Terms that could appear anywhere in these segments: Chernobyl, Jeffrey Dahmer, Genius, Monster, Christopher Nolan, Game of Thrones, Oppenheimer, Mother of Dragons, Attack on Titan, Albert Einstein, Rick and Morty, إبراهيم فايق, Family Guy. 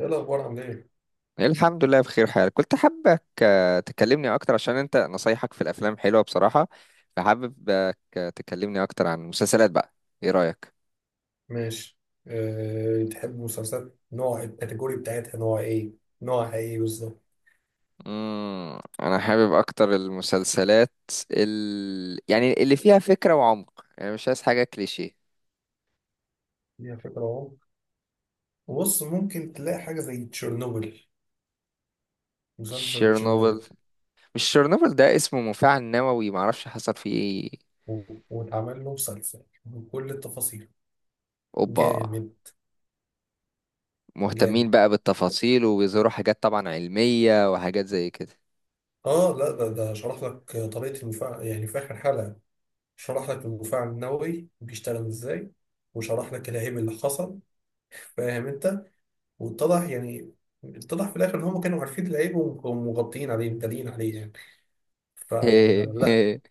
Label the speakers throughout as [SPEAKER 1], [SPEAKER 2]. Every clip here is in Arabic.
[SPEAKER 1] ايه الاخبار؟ عامل ايه؟
[SPEAKER 2] الحمد لله، بخير حال. كنت حابك تكلمني اكتر عشان انت نصايحك في الافلام حلوة بصراحة. فحاببك تكلمني اكتر عن المسلسلات بقى. ايه رأيك؟
[SPEAKER 1] ماشي. تحب مسلسلات نوع الكاتيجوري بتاعتها، نوع ايه؟ نوعها ايه بالظبط؟
[SPEAKER 2] انا حابب اكتر المسلسلات، يعني اللي فيها فكرة وعمق. يعني مش عايز حاجة كليشيه.
[SPEAKER 1] دي فكرة اهو. بص، ممكن تلاقي حاجة زي تشيرنوبل. مسلسل
[SPEAKER 2] تشيرنوبل.
[SPEAKER 1] تشيرنوبل،
[SPEAKER 2] مش تشيرنوبل؟ ده اسمه مفاعل نووي، معرفش حصل فيه ايه.
[SPEAKER 1] واتعمل له مسلسل بكل التفاصيل.
[SPEAKER 2] اوبا.
[SPEAKER 1] جامد. جامد.
[SPEAKER 2] مهتمين بقى بالتفاصيل، وبيظهروا حاجات طبعا علمية وحاجات زي كده.
[SPEAKER 1] اه، لا، ده شرح لك طريقة المفاعل يعني في اخر حلقة. شرح لك المفاعل النووي بيشتغل ازاي. وشرح لك الهيب اللي حصل. فاهم انت؟ واتضح يعني، اتضح في الاخر ان هم كانوا عارفين العيب ومغطيين عليه، مدارين عليه يعني. فلا.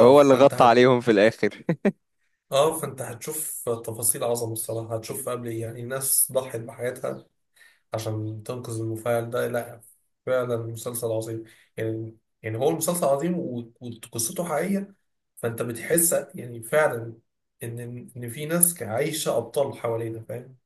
[SPEAKER 2] هو اللي
[SPEAKER 1] فانت
[SPEAKER 2] غطى
[SPEAKER 1] هت...
[SPEAKER 2] عليهم في الاخر.
[SPEAKER 1] اه، فانت هتشوف تفاصيل عظمه الصراحه، هتشوف قبل ايه، يعني ناس ضحت بحياتها عشان تنقذ المفاعل ده، لا فعلا مسلسل عظيم يعني. يعني هو المسلسل عظيم، وقصته حقيقيه، فانت بتحس يعني فعلا ان ان في ناس عايشه ابطال حوالينا، فاهم؟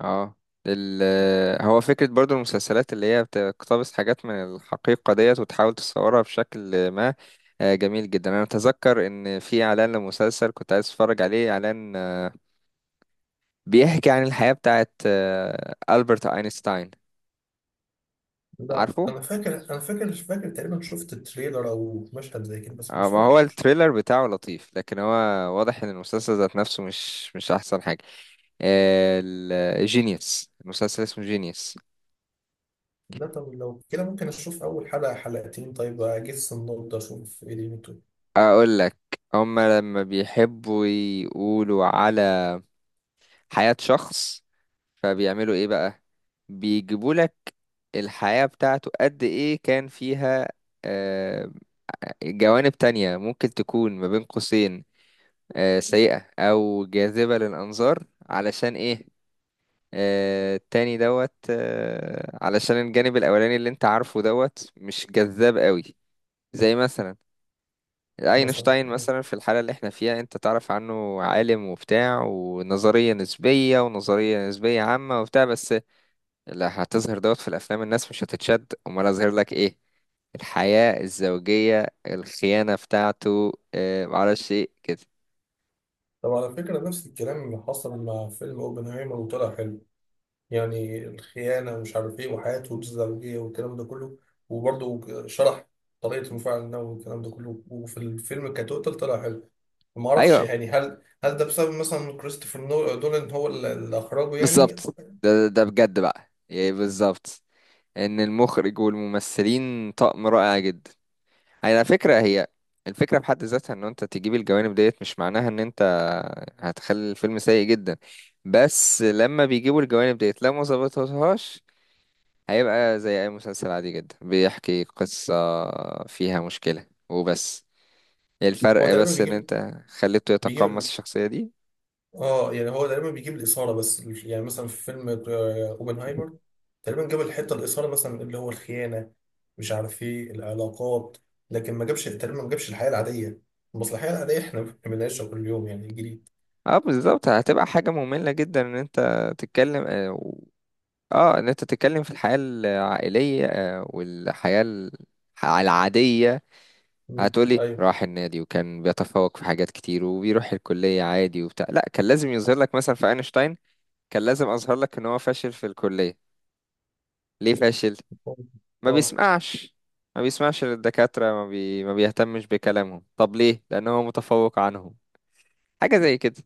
[SPEAKER 2] اه. ال آه، هو فكرة برضو المسلسلات اللي هي بتقتبس حاجات من الحقيقة ديت وتحاول تصورها بشكل ما. جميل جدا. انا اتذكر ان في اعلان لمسلسل كنت عايز اتفرج عليه، اعلان بيحكي عن الحياة بتاعت ألبرت اينشتاين.
[SPEAKER 1] لا،
[SPEAKER 2] عارفه؟
[SPEAKER 1] انا فاكر، مش فاكر تقريبا، شفت تريلر او مشهد زي كده بس مش
[SPEAKER 2] ما هو
[SPEAKER 1] فاكر.
[SPEAKER 2] التريلر بتاعه لطيف، لكن هو واضح ان المسلسل ذات نفسه مش احسن حاجة. جينيوس. المسلسل اسمه جينيوس.
[SPEAKER 1] ده طب لو كده ممكن اشوف اول حلقه حلقتين، طيب اجس النبضه اشوف ايه دنيته.
[SPEAKER 2] اقول لك. هما لما بيحبوا يقولوا على حياة شخص، فبيعملوا ايه بقى؟ بيجيبوا لك الحياة بتاعته قد ايه كان فيها آه، جوانب تانية ممكن تكون ما بين قوسين سيئة او جاذبة للانظار. علشان ايه؟ التاني دوت علشان الجانب الاولاني اللي انت عارفه دوت مش جذاب قوي. زي مثلا
[SPEAKER 1] مثلا
[SPEAKER 2] اينشتاين.
[SPEAKER 1] آه.
[SPEAKER 2] مثلا في الحالة اللي احنا فيها انت تعرف عنه عالم وبتاع ونظرية نسبية ونظرية نسبية عامة وبتاع، بس لا هتظهر دوت في الافلام، الناس مش هتتشد. امال اظهر لك ايه؟ الحياة الزوجية، الخيانة بتاعته معرفش ايه كده.
[SPEAKER 1] طب على فكره، نفس الكلام اللي حصل مع فيلم اوبنهايمر وطلع حلو. يعني الخيانه، ومش عارف ايه، وحياته الزوجيه والكلام ده كله، وبرضه شرح طريقه المفاعل النووي والكلام ده كله، وفي الفيلم كتوتال طلع حلو. ما اعرفش
[SPEAKER 2] ايوه
[SPEAKER 1] يعني، هل ده بسبب مثلا كريستوفر نولان هو اللي اخرجه يعني.
[SPEAKER 2] بالظبط. ده بجد بقى يعني بالظبط. ان المخرج والممثلين طقم رائع جدا. على فكرة هي الفكرة بحد ذاتها، ان انت تجيب الجوانب ديت مش معناها ان انت هتخلي الفيلم سيء جدا. بس لما بيجيبوا الجوانب ديت، لو ما ظبطتهاش هيبقى زي اي مسلسل عادي جدا بيحكي قصة فيها مشكلة وبس.
[SPEAKER 1] هو
[SPEAKER 2] الفرق
[SPEAKER 1] تقريبا
[SPEAKER 2] بس ان
[SPEAKER 1] بيجيب،
[SPEAKER 2] انت خليته
[SPEAKER 1] بيجيب
[SPEAKER 2] يتقمص
[SPEAKER 1] ال...
[SPEAKER 2] الشخصية دي.
[SPEAKER 1] اه، يعني هو تقريبا بيجيب الاثاره بس، يعني مثلا في فيلم اوبنهايمر، تقريبا جاب الحته الاثاره مثلا اللي هو الخيانه، مش عارف ايه، العلاقات. لكن ما جابش تقريبا، ما جابش الحياه العاديه، المصلحيه العاديه احنا بنعيشها كل يوم، يعني جديد.
[SPEAKER 2] اه بالظبط. هتبقى حاجة مملة جدا ان انت تتكلم، ان انت تتكلم في الحياة العائلية والحياة العادية.
[SPEAKER 1] مم.
[SPEAKER 2] هتقولي
[SPEAKER 1] ايوه.
[SPEAKER 2] راح النادي وكان بيتفوق في حاجات كتير وبيروح الكلية عادي وبتاع؟ لا، كان لازم يظهر لك مثلا في اينشتاين. كان لازم اظهر لك ان هو فاشل في الكلية. ليه فاشل؟ ما
[SPEAKER 1] اه.
[SPEAKER 2] بيسمعش. ما بيسمعش للدكاترة، ما بيهتمش بكلامهم. طب ليه؟ لان هو متفوق عنهم. حاجة زي كده.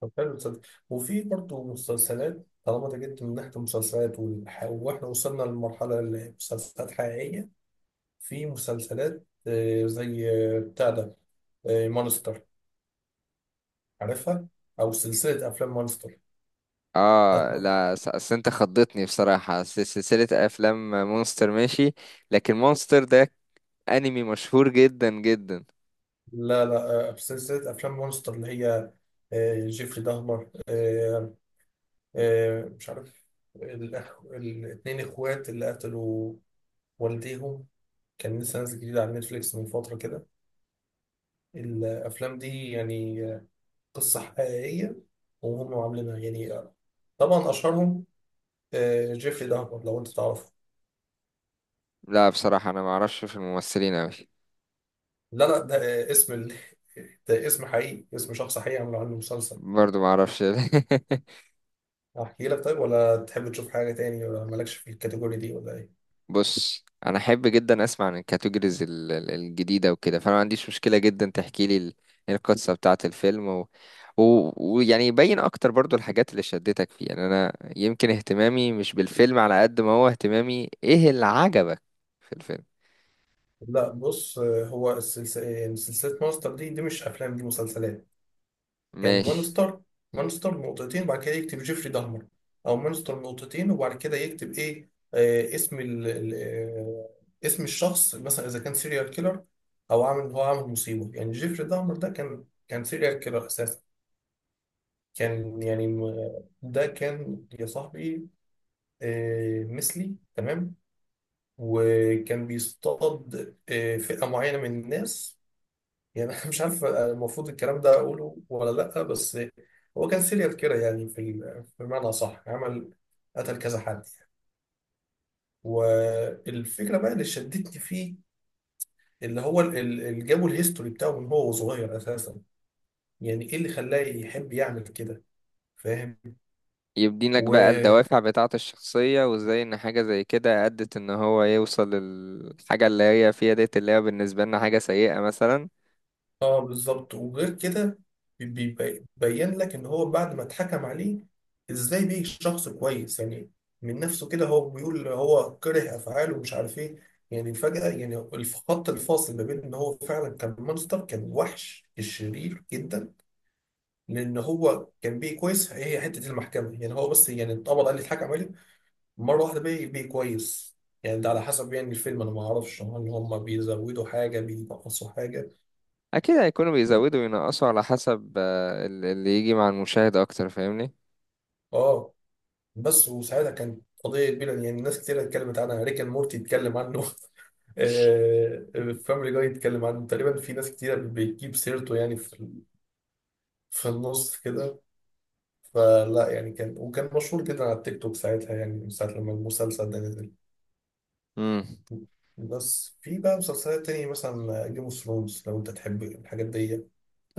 [SPEAKER 1] طب حلو تصدق، وفي برضه مسلسلات، طالما انت جبت من ناحيه المسلسلات واحنا وصلنا للمرحله اللي مسلسلات حقيقيه. في مسلسلات زي بتاع ده، مانستر، عارفها؟ او سلسله افلام مونستر، بتاعت
[SPEAKER 2] اه
[SPEAKER 1] مون-
[SPEAKER 2] لا، اصل انت خضتني بصراحة. سلسلة افلام مونستر ماشي. لكن مونستر ده انمي مشهور جدا جدا.
[SPEAKER 1] لا لا، سلسله افلام مونستر اللي هي جيفري دهمر، مش عارف، الاتنين اخوات اللي قتلوا والديهم. كان لسه نازل جديد على نتفليكس من فتره كده. الافلام دي يعني قصه حقيقيه، وهم عاملينها يعني طبعا اشهرهم جيفري دهمر، لو انت تعرفه.
[SPEAKER 2] لا بصراحة انا ما اعرفش في الممثلين اوي.
[SPEAKER 1] لا لا، ده آه، اسم ال... ده اسم حقيقي، اسم شخص حقيقي، عملوا عنه مسلسل.
[SPEAKER 2] برضو ما اعرفش.
[SPEAKER 1] احكي لك طيب، ولا تحب تشوف حاجة تاني، ولا مالكش في الكاتيجوري دي، ولا ايه؟
[SPEAKER 2] بص، انا احب جدا اسمع عن الكاتيجوريز الجديده وكده، فانا ما عنديش مشكله جدا تحكي لي القصه بتاعه الفيلم، ويعني و... ويعني يبين اكتر برضو الحاجات اللي شدتك فيه. يعني انا يمكن اهتمامي مش بالفيلم على قد ما هو اهتمامي ايه اللي عجبك في الفيلم.
[SPEAKER 1] لا بص، هو السلسلة، سلسلة مونستر دي مش افلام، دي مسلسلات. يعني
[SPEAKER 2] ماشي.
[SPEAKER 1] مونستر، مونستر نقطتين بعد كده يكتب جيفري دهمر، او مونستر نقطتين وبعد كده يكتب ايه، اسم اسم الشخص مثلا، اذا كان سيريال كيلر، او عامل، هو عامل مصيبة. يعني جيفري دهمر ده كان سيريال كيلر اساسا. كان يعني ده كان يا صاحبي مثلي تمام، وكان بيصطاد فئة معينة من الناس. يعني أنا مش عارف المفروض الكلام ده أقوله ولا لأ، بس هو كان سيريال كده، يعني بمعنى صح، عمل قتل كذا حد. والفكرة بقى اللي شدتني فيه، اللي هو اللي جابوا الهيستوري بتاعه من هو صغير أساسا، يعني إيه اللي خلاه يحب يعمل كده، فاهم؟
[SPEAKER 2] يبدينك بقى الدوافع بتاعه الشخصيه، وازاي ان حاجه زي كده ادت ان هو يوصل للحاجه اللي هي فيها ديت، اللي هي بالنسبه لنا حاجه سيئه مثلا.
[SPEAKER 1] اه بالظبط، وغير كده بيبين لك ان هو بعد ما اتحكم عليه، ازاي بيه شخص كويس يعني، من نفسه كده، هو بيقول هو كره افعاله ومش عارف ايه. يعني فجأة يعني خط الفاصل ما بين ان هو فعلا كان مونستر كان وحش شرير جدا، لان هو كان بيه كويس. هي حتة المحكمة يعني، هو بس يعني اتقبض عليه، اتحكم عليه مرة واحدة، بيه كويس. يعني ده على حسب يعني الفيلم، انا ما اعرفش هل هم بيزودوا حاجة، بينقصوا حاجة.
[SPEAKER 2] اكيد هيكونوا بيزودوا وينقصوا على حسب اللي يجي مع المشاهد اكتر، فاهمني.
[SPEAKER 1] اه بس، وساعتها كانت قضيه كبيره، يعني ناس كتير اتكلمت عنها، ريك اند مورتي اتكلم عنه، فاميلي جاي اتكلم عنه تقريبا، في ناس كتير بتجيب سيرته يعني، في النص كده. فلا يعني كان، وكان مشهور جدا على التيك توك ساعتها، يعني من ساعة لما المسلسل ده نزل.
[SPEAKER 2] امم.
[SPEAKER 1] بس في بقى مسلسلات تانية مثلا جيم اوف ثرونز، لو انت تحب الحاجات دي،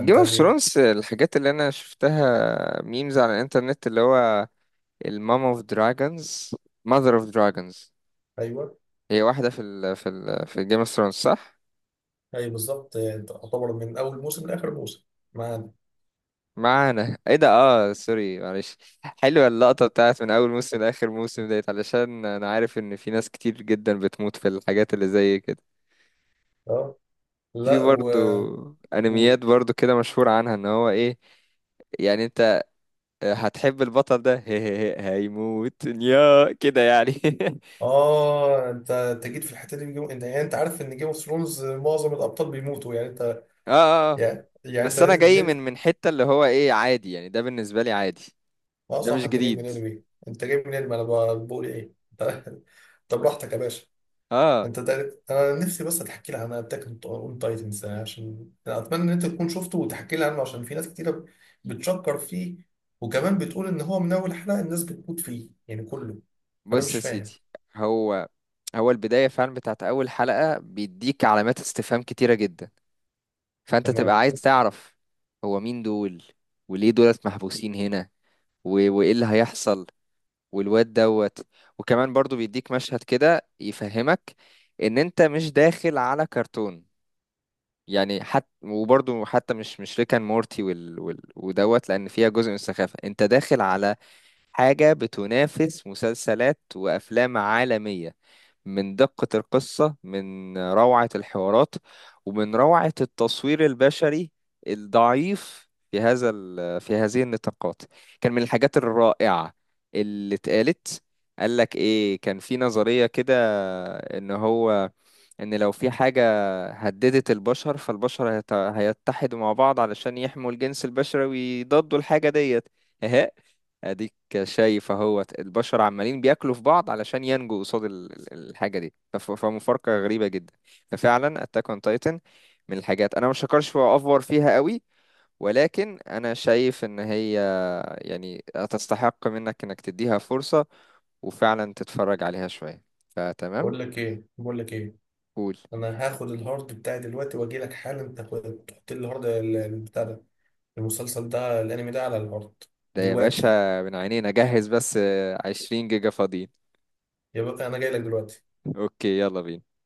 [SPEAKER 2] جيم اوف ثرونز. الحاجات اللي انا شفتها ميمز على الانترنت اللي هو المام اوف دراجونز، ماذر اوف دراجونز.
[SPEAKER 1] ايوه.
[SPEAKER 2] هي واحده في جيم اوف ثرونز، صح؟
[SPEAKER 1] اي بالظبط، تعتبر من اول موسم لاخر موسم معانا.
[SPEAKER 2] معانا؟ ايه ده، اه سوري معلش. حلوه اللقطه بتاعت من اول موسم لاخر موسم ديت، علشان انا عارف ان في ناس كتير جدا بتموت في الحاجات اللي زي كده.
[SPEAKER 1] اه،
[SPEAKER 2] في
[SPEAKER 1] لا
[SPEAKER 2] برضو
[SPEAKER 1] وقول.
[SPEAKER 2] انميات برضو كده مشهور عنها ان هو ايه، يعني انت هتحب البطل ده هيموت يا كده يعني.
[SPEAKER 1] اه، انت جيت في الحته دي من انت، يعني انت عارف ان جيم اوف ثرونز معظم الابطال بيموتوا، يعني انت،
[SPEAKER 2] اه، اه، آه.
[SPEAKER 1] يعني انت
[SPEAKER 2] بس انا
[SPEAKER 1] نادي
[SPEAKER 2] جاي من
[SPEAKER 1] نادي.
[SPEAKER 2] من حتة اللي هو ايه عادي، يعني ده بالنسبة لي عادي.
[SPEAKER 1] اه
[SPEAKER 2] ده
[SPEAKER 1] صح،
[SPEAKER 2] مش
[SPEAKER 1] انت جاي من
[SPEAKER 2] جديد.
[SPEAKER 1] انمي. انت جاي من انمي، انا بقول ايه، انت طب براحتك يا باشا.
[SPEAKER 2] اه.
[SPEAKER 1] انت انا نفسي بس تحكي لي عن اتاك اون تايتنز، عشان أنا اتمنى ان انت تكون شفته وتحكي لي عنه، عشان في ناس كتيره بتشكر فيه، وكمان بتقول ان هو من اول حلقه الناس بتموت فيه يعني كله، فانا
[SPEAKER 2] بص
[SPEAKER 1] مش
[SPEAKER 2] يا
[SPEAKER 1] فاهم.
[SPEAKER 2] سيدي. هو هو البداية فعلا بتاعت اول حلقة بيديك علامات استفهام كتيرة جدا. فانت تبقى
[SPEAKER 1] تمام.
[SPEAKER 2] عايز تعرف هو مين دول، وليه دولت محبوسين هنا، وايه اللي هيحصل، والواد دوت. وكمان برضو بيديك مشهد كده يفهمك ان انت مش داخل على كرتون. يعني حتى وبرضو حتى مش ريكان مورتي ودوت، لان فيها جزء من السخافة. انت داخل على حاجة بتنافس مسلسلات وافلام عالمية، من دقة القصة، من روعة الحوارات، ومن روعة التصوير البشري. الضعيف في هذا في هذه النطاقات. كان من الحاجات الرائعة اللي اتقالت. قال لك ايه؟ كان في نظرية كده، ان هو ان لو في حاجة هددت البشر، فالبشر هيتحدوا مع بعض علشان يحموا الجنس البشري ويضادوا الحاجة ديت. اهي، اديك شايف اهوت البشر عمالين بياكلوا في بعض علشان ينجوا قصاد الحاجة دي. فمفارقة غريبة جدا. ففعلا اتاك اون تايتن من الحاجات انا مش هكرش وافور فيها قوي، ولكن انا شايف ان هي يعني تستحق منك انك تديها فرصة وفعلا تتفرج عليها شوية. فتمام.
[SPEAKER 1] بقول لك ايه،
[SPEAKER 2] قول.
[SPEAKER 1] انا هاخد الهارد بتاعي دلوقتي واجي لك حالا، تاخد تحط لي الهارد البتاع ده، المسلسل ده، الانمي ده على الهارد.
[SPEAKER 2] ده يا
[SPEAKER 1] دلوقتي.
[SPEAKER 2] باشا من عينينا. جهز بس. 20 جيجا فاضيين.
[SPEAKER 1] يا بقى انا جاي لك دلوقتي.
[SPEAKER 2] اوكي يلا بينا.